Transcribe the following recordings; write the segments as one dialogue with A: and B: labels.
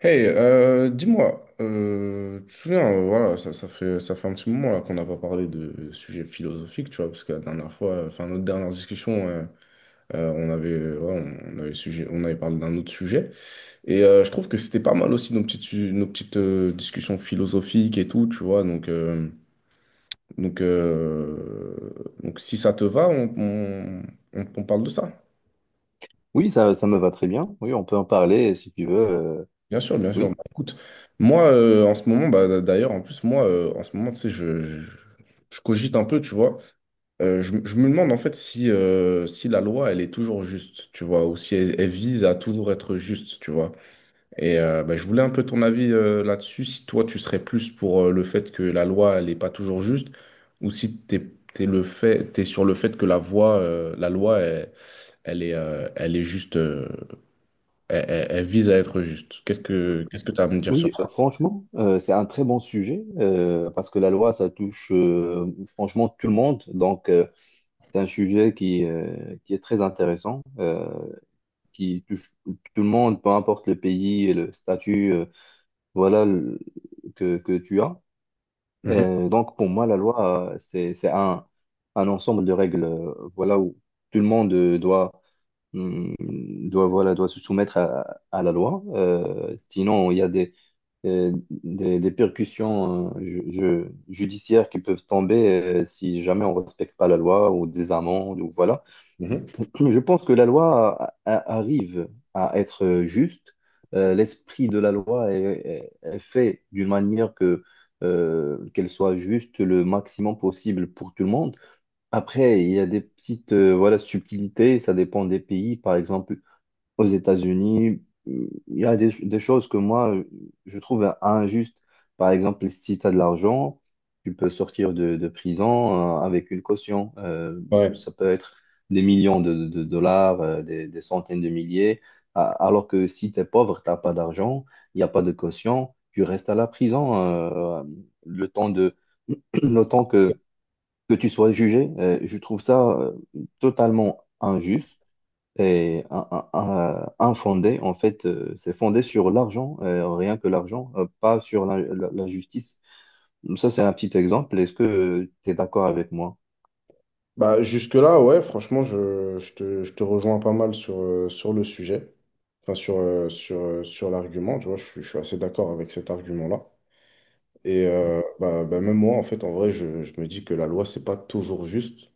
A: Hey, dis-moi, tu te souviens, voilà, ça fait un petit moment là qu'on n'a pas parlé de sujets philosophiques, tu vois, parce que la dernière fois, enfin notre dernière discussion, on avait, voilà, on avait parlé d'un autre sujet, et je trouve que c'était pas mal aussi nos petites, nos petites discussions philosophiques et tout, tu vois, donc, donc, euh, donc si ça te va, on parle de ça.
B: Oui, ça me va très bien. Oui, on peut en parler si tu veux.
A: Bien sûr, bien sûr. Bah,
B: Oui,
A: écoute, moi, en ce moment, bah, d'ailleurs, en plus, moi, en ce moment, tu sais, je cogite un peu, tu vois. Je me demande, en fait, si, si la loi, elle est toujours juste, tu vois, ou si elle, elle vise à toujours être juste, tu vois. Et bah, je voulais un peu ton avis là-dessus, si toi, tu serais plus pour le fait que la loi, elle n'est pas toujours juste, ou si t'es, t'es sur le fait que la loi, elle, elle est juste, elle vise à être juste. Qu'est-ce que tu as à me dire sur.
B: oui, franchement, c'est un très bon sujet parce que la loi, ça touche franchement tout le monde. C'est un sujet qui est très intéressant, qui touche tout le monde, peu importe le pays et le statut, voilà, que tu as.
A: Mhm.
B: Pour moi, la loi, c'est un ensemble de règles, voilà, où tout le monde doit hum, doit se soumettre à la loi. Sinon, il y a euh, des percussions judiciaires qui peuvent tomber si jamais on ne respecte pas la loi ou des amendes ou voilà.
A: Mhm.
B: Je pense que la loi arrive à être juste. L'esprit de la loi est fait d'une manière que qu'elle soit juste le maximum possible pour tout le monde. Après, il y a des petites voilà, subtilités, ça dépend des pays. Par exemple, aux États-Unis, il y a des choses que je trouve injustes. Par exemple, si tu as de l'argent, tu peux sortir de prison avec une caution.
A: Ouais.
B: Ça peut être des millions de dollars, euh, des centaines de milliers. Alors que si tu es pauvre, tu n'as pas d'argent, il n'y a pas de caution, tu restes à la prison le temps le temps que tu sois jugé. Je trouve ça totalement injuste. Et un en fait, c'est fondé sur l'argent, rien que l'argent, pas sur la justice. Ça, c'est un petit exemple. Est-ce que tu es d'accord avec moi?
A: Bah, jusque-là, ouais, franchement, je te rejoins pas mal sur, sur le sujet, enfin, sur l'argument, tu vois, je suis assez d'accord avec cet argument-là. Et bah, même moi, en fait, en vrai, je me dis que la loi, c'est pas toujours juste,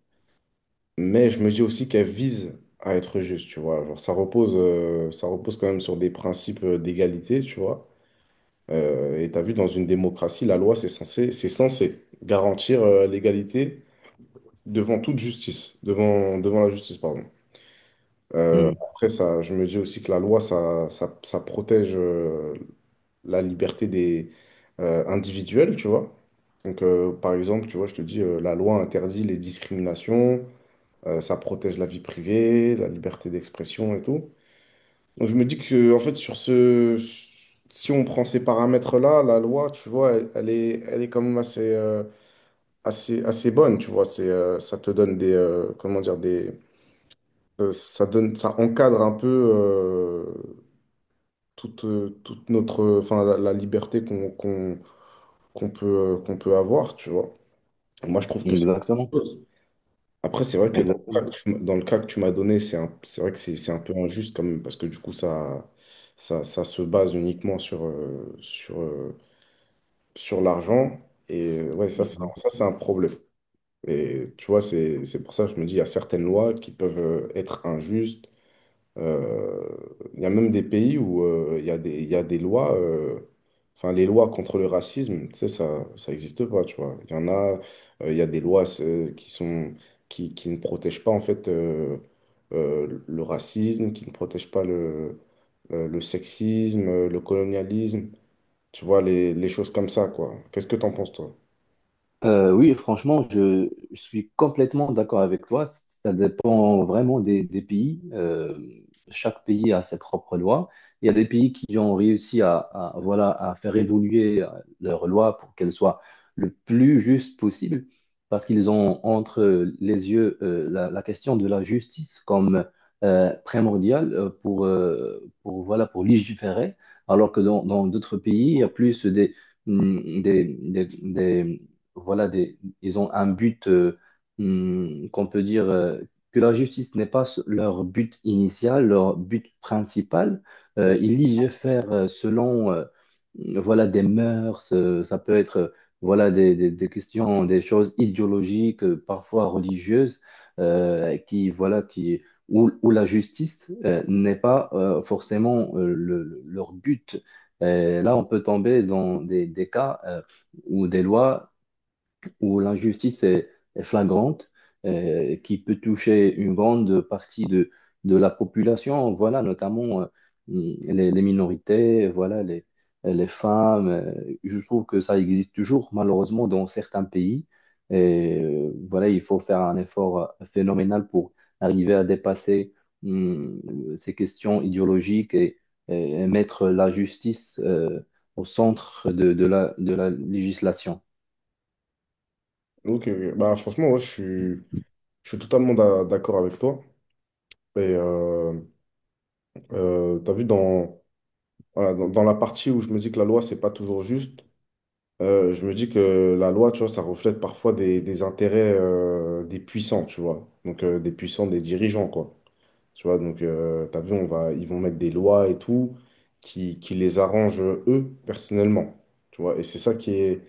A: mais je me dis aussi qu'elle vise à être juste, tu vois. Genre, ça repose quand même sur des principes d'égalité, tu vois. Et tu as vu, dans une démocratie, la loi, c'est censé garantir l'égalité devant toute justice, devant la justice, pardon.
B: Mm.
A: Après, ça, je me dis aussi que la loi, ça protège la liberté des individuels, tu vois. Donc, par exemple, tu vois, je te dis, la loi interdit les discriminations, ça protège la vie privée, la liberté d'expression et tout. Donc, je me dis que, en fait, sur ce, si on prend ces paramètres-là, la loi, tu vois, elle est quand même assez, assez bonne, tu vois. C'est, ça te donne des, comment dire, des ça donne, ça encadre un peu toute, toute notre, enfin, la liberté qu'on peut avoir, tu vois. Moi, je trouve que c'est
B: Exactement,
A: une chose. Après, c'est vrai que dans le
B: exactement.
A: cas que tu, m- dans le cas que tu m'as donné, c'est vrai que c'est un peu injuste quand même, parce que du coup, ça se base uniquement sur, sur l'argent. Et ouais, ça,
B: Mmh.
A: ça, c'est un problème. Et tu vois, c'est pour ça que je me dis, il y a certaines lois qui peuvent être injustes. Euh, Il y a même des pays où il y a des, il y a des lois, enfin les lois contre le racisme, tu sais, ça n'existe pas, tu vois. Il y en a, il y a des lois qui sont, qui ne protègent pas en fait le racisme, qui ne protègent pas le, le sexisme, le colonialisme, tu vois, les choses comme ça, quoi. Qu'est-ce que t'en penses, toi?
B: Oui, franchement, je suis complètement d'accord avec toi. Ça dépend vraiment des pays. Chaque pays a ses propres lois. Il y a des pays qui ont réussi voilà, à faire évoluer leurs lois pour qu'elles soient le plus justes possible, parce qu'ils ont entre les yeux euh, la question de la justice comme primordiale euh, pour, voilà, pour légiférer, alors que dans d'autres pays, il y a plus des mm, des, des, des- voilà, des, ils ont un but qu'on peut dire que la justice n'est pas leur but initial, leur but principal.
A: Bon.
B: Ils légifèrent selon voilà, des mœurs, ça peut être voilà, des questions, des choses idéologiques, parfois religieuses, voilà, où la justice n'est pas forcément leur but. Là, on peut tomber dans des cas ou des lois où l'injustice est flagrante, qui peut toucher une grande partie de la population, voilà, notamment les minorités, voilà, les femmes. Je trouve que ça existe toujours, malheureusement, dans certains pays. Voilà, il faut faire un effort phénoménal pour arriver à dépasser hum, ces questions idéologiques et mettre la justice au centre de de la législation.
A: Ok, ok. Bah, franchement, ouais, je suis, d'accord avec toi. Et t'as vu dans voilà, dans, dans la partie où je me dis que la loi, c'est pas toujours juste, je me dis que la loi, tu vois, ça reflète parfois des intérêts des puissants, tu vois. Donc, des puissants, des dirigeants, quoi. Tu vois, donc, t'as vu, ils vont mettre des lois et tout qui les arrangent eux, personnellement. Tu vois, et c'est ça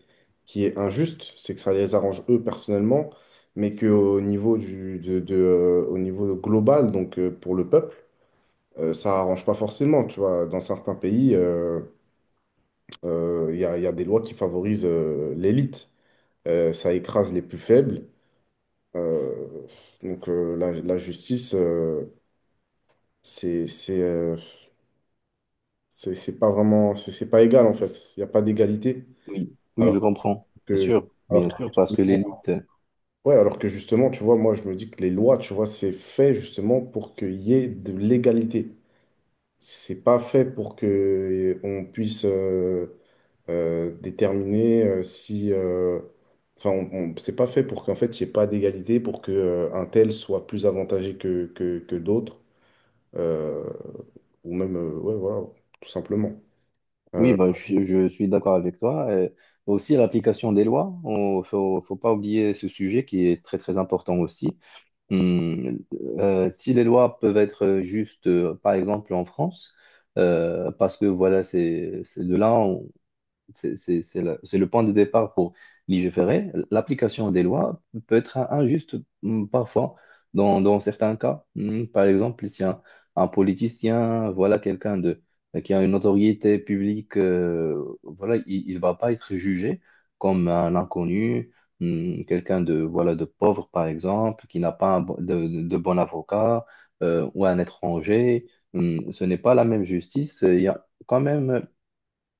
A: qui est injuste, c'est que ça les arrange eux, personnellement, mais qu'au niveau de, au niveau global, donc pour le peuple, ça arrange pas forcément, tu vois. Dans certains pays il y a des lois qui favorisent l'élite. Ça écrase les plus faibles. Euh, donc la, la justice, c'est, c'est, euh, c'est pas vraiment, c'est pas égal en fait. Il n'y a pas d'égalité.
B: Oui, oui, je
A: Alors
B: comprends,
A: que, alors
B: bien
A: que
B: sûr, parce que
A: justement,
B: l'élite,
A: ouais, alors que justement, tu vois, moi je me dis que les lois, tu vois, c'est fait justement pour qu'il y ait de l'égalité. C'est pas fait pour que on puisse déterminer si... enfin, c'est pas fait pour qu'en fait, il n'y ait pas d'égalité, pour que, un tel soit plus avantagé que, que d'autres. Euh, ou même, ouais, voilà, tout simplement.
B: oui,
A: Euh,
B: bah, je suis d'accord avec toi. Aussi, l'application des lois, faut pas oublier ce sujet qui est très, très important aussi. Hum, si les lois peuvent être justes, par exemple en France, parce que voilà, c'est de là, c'est le point de départ pour légiférer. L'application des lois peut être injuste parfois, dans certains cas. Mm, par exemple, si un, un politicien, voilà quelqu'un de, qui a une notoriété publique, voilà, il ne va pas être jugé comme un inconnu, mm, quelqu'un de, voilà, de pauvre, par exemple, qui n'a pas un de bon avocat, ou un étranger. Mm, ce n'est pas la même justice. Il y a quand même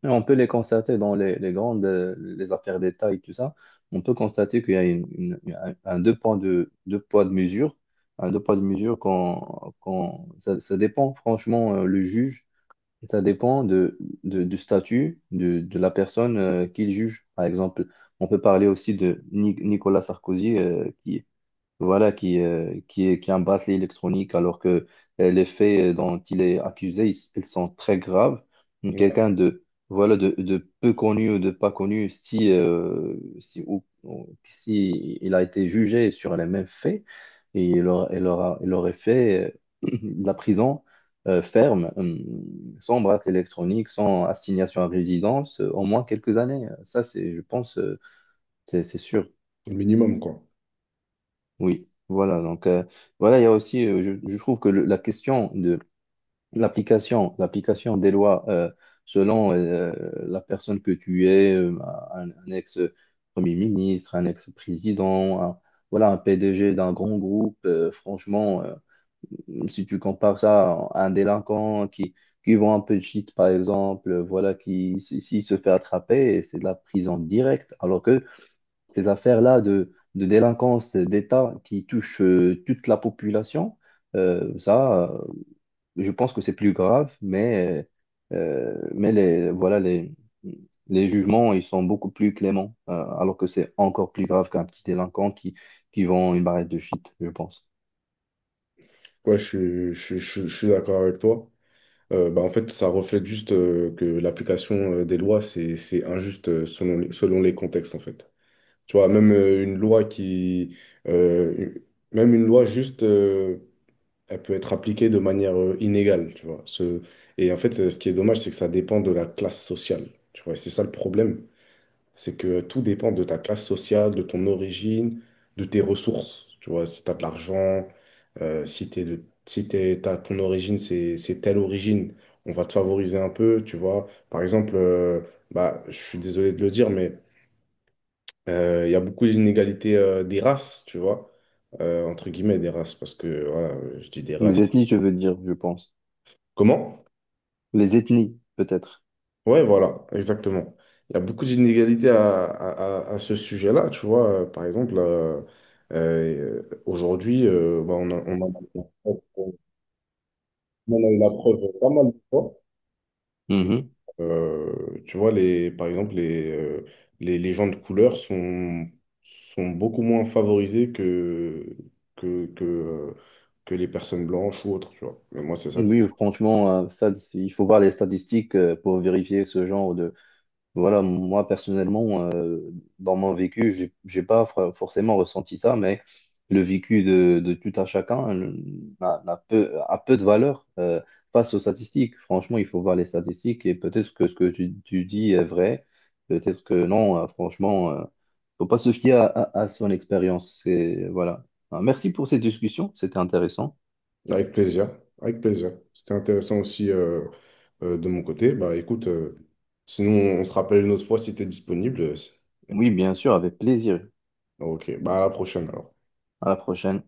B: et on peut les constater dans les grandes les affaires d'État et tout ça. On peut constater qu'il y a un deux deux poids de mesure. Un deux poids de mesure quand ça dépend franchement le juge. Ça dépend du statut de la personne qu'il juge. Par exemple, on peut parler aussi de Nicolas Sarkozy voilà, qui est un bracelet électronique, alors que les faits dont il est accusé, ils sont très graves. Donc,
A: non,
B: quelqu'un de, voilà, de peu connu ou de pas connu, si, si, ou- si il a été jugé sur les mêmes faits, et il aurait fait de la prison ferme, sans bracelet électronique, sans assignation à résidence, au moins quelques années. Ça, c'est, je pense, c'est sûr.
A: c'est le minimum, quoi.
B: Oui, voilà. Donc, voilà, il y a aussi, je trouve que la question de l'application des lois selon la personne que tu es, euh, un ex-premier ministre, un ex-président, voilà, un PDG d'un grand groupe, franchement, si tu compares ça à un délinquant qui vend un peu de shit, par exemple, si, s'il se fait attraper, c'est de la prison directe. Alors que ces affaires-là de délinquance d'État qui touchent toute la population, euh, ça, euh, je pense que c'est plus grave, mais les jugements, ils sont beaucoup plus cléments, alors que c'est encore plus grave qu'un petit délinquant qui vend une barrette de shit, je pense.
A: Ouais, je suis d'accord avec toi. Bah, en fait, ça reflète juste que l'application des lois, c'est injuste selon les contextes, en fait. Tu vois, euh, même une loi juste elle peut être appliquée de manière inégale, tu vois. Ce... et en fait, ce qui est dommage, c'est que ça dépend de la classe sociale, tu vois. Et c'est ça le problème, c'est que tout dépend de ta classe sociale, de ton origine, de tes ressources, tu vois. Si tu as de l'argent, si t'es de... si t'es- t'as- ton origine, c'est telle origine, on va te favoriser un peu, tu vois. Par exemple, je suis désolé de le dire, mais il y a beaucoup d'inégalités des races, tu vois. Entre guillemets, des races, parce que, voilà, je dis des races.
B: Les ethnies, je veux dire, je pense.
A: Comment?
B: Les ethnies, peut-être.
A: Ouais, voilà, exactement. Il y a beaucoup d'inégalités à ce sujet-là, tu vois. Par exemple, aujourd'hui, bah, on en a eu la preuve pas mal de fois.
B: Mhm.
A: Tu vois, les, par exemple, les gens de couleur sont, sont beaucoup moins favorisés que, que, que, euh, que les personnes blanches ou autres, tu vois. Mais moi, c'est ça. Que...
B: Oui, franchement, il faut voir les statistiques pour vérifier ce genre de, voilà, moi personnellement, dans mon vécu, j'ai pas forcément ressenti ça, mais le vécu de tout un chacun n'a peu, a peu de valeur face aux statistiques. Franchement, il faut voir les statistiques et peut-être que ce que tu dis est vrai, peut-être que non. Franchement, faut pas se fier à son expérience. C'est- voilà. Alors, merci pour cette discussion, c'était intéressant.
A: avec plaisir, avec plaisir. C'était intéressant aussi. Euh, de mon côté, bah écoute, sinon on se rappelle une autre fois si tu es disponible. Euh, et
B: Oui,
A: puis,
B: bien sûr, avec plaisir.
A: voilà. Ok, bah à la prochaine alors.
B: À la prochaine.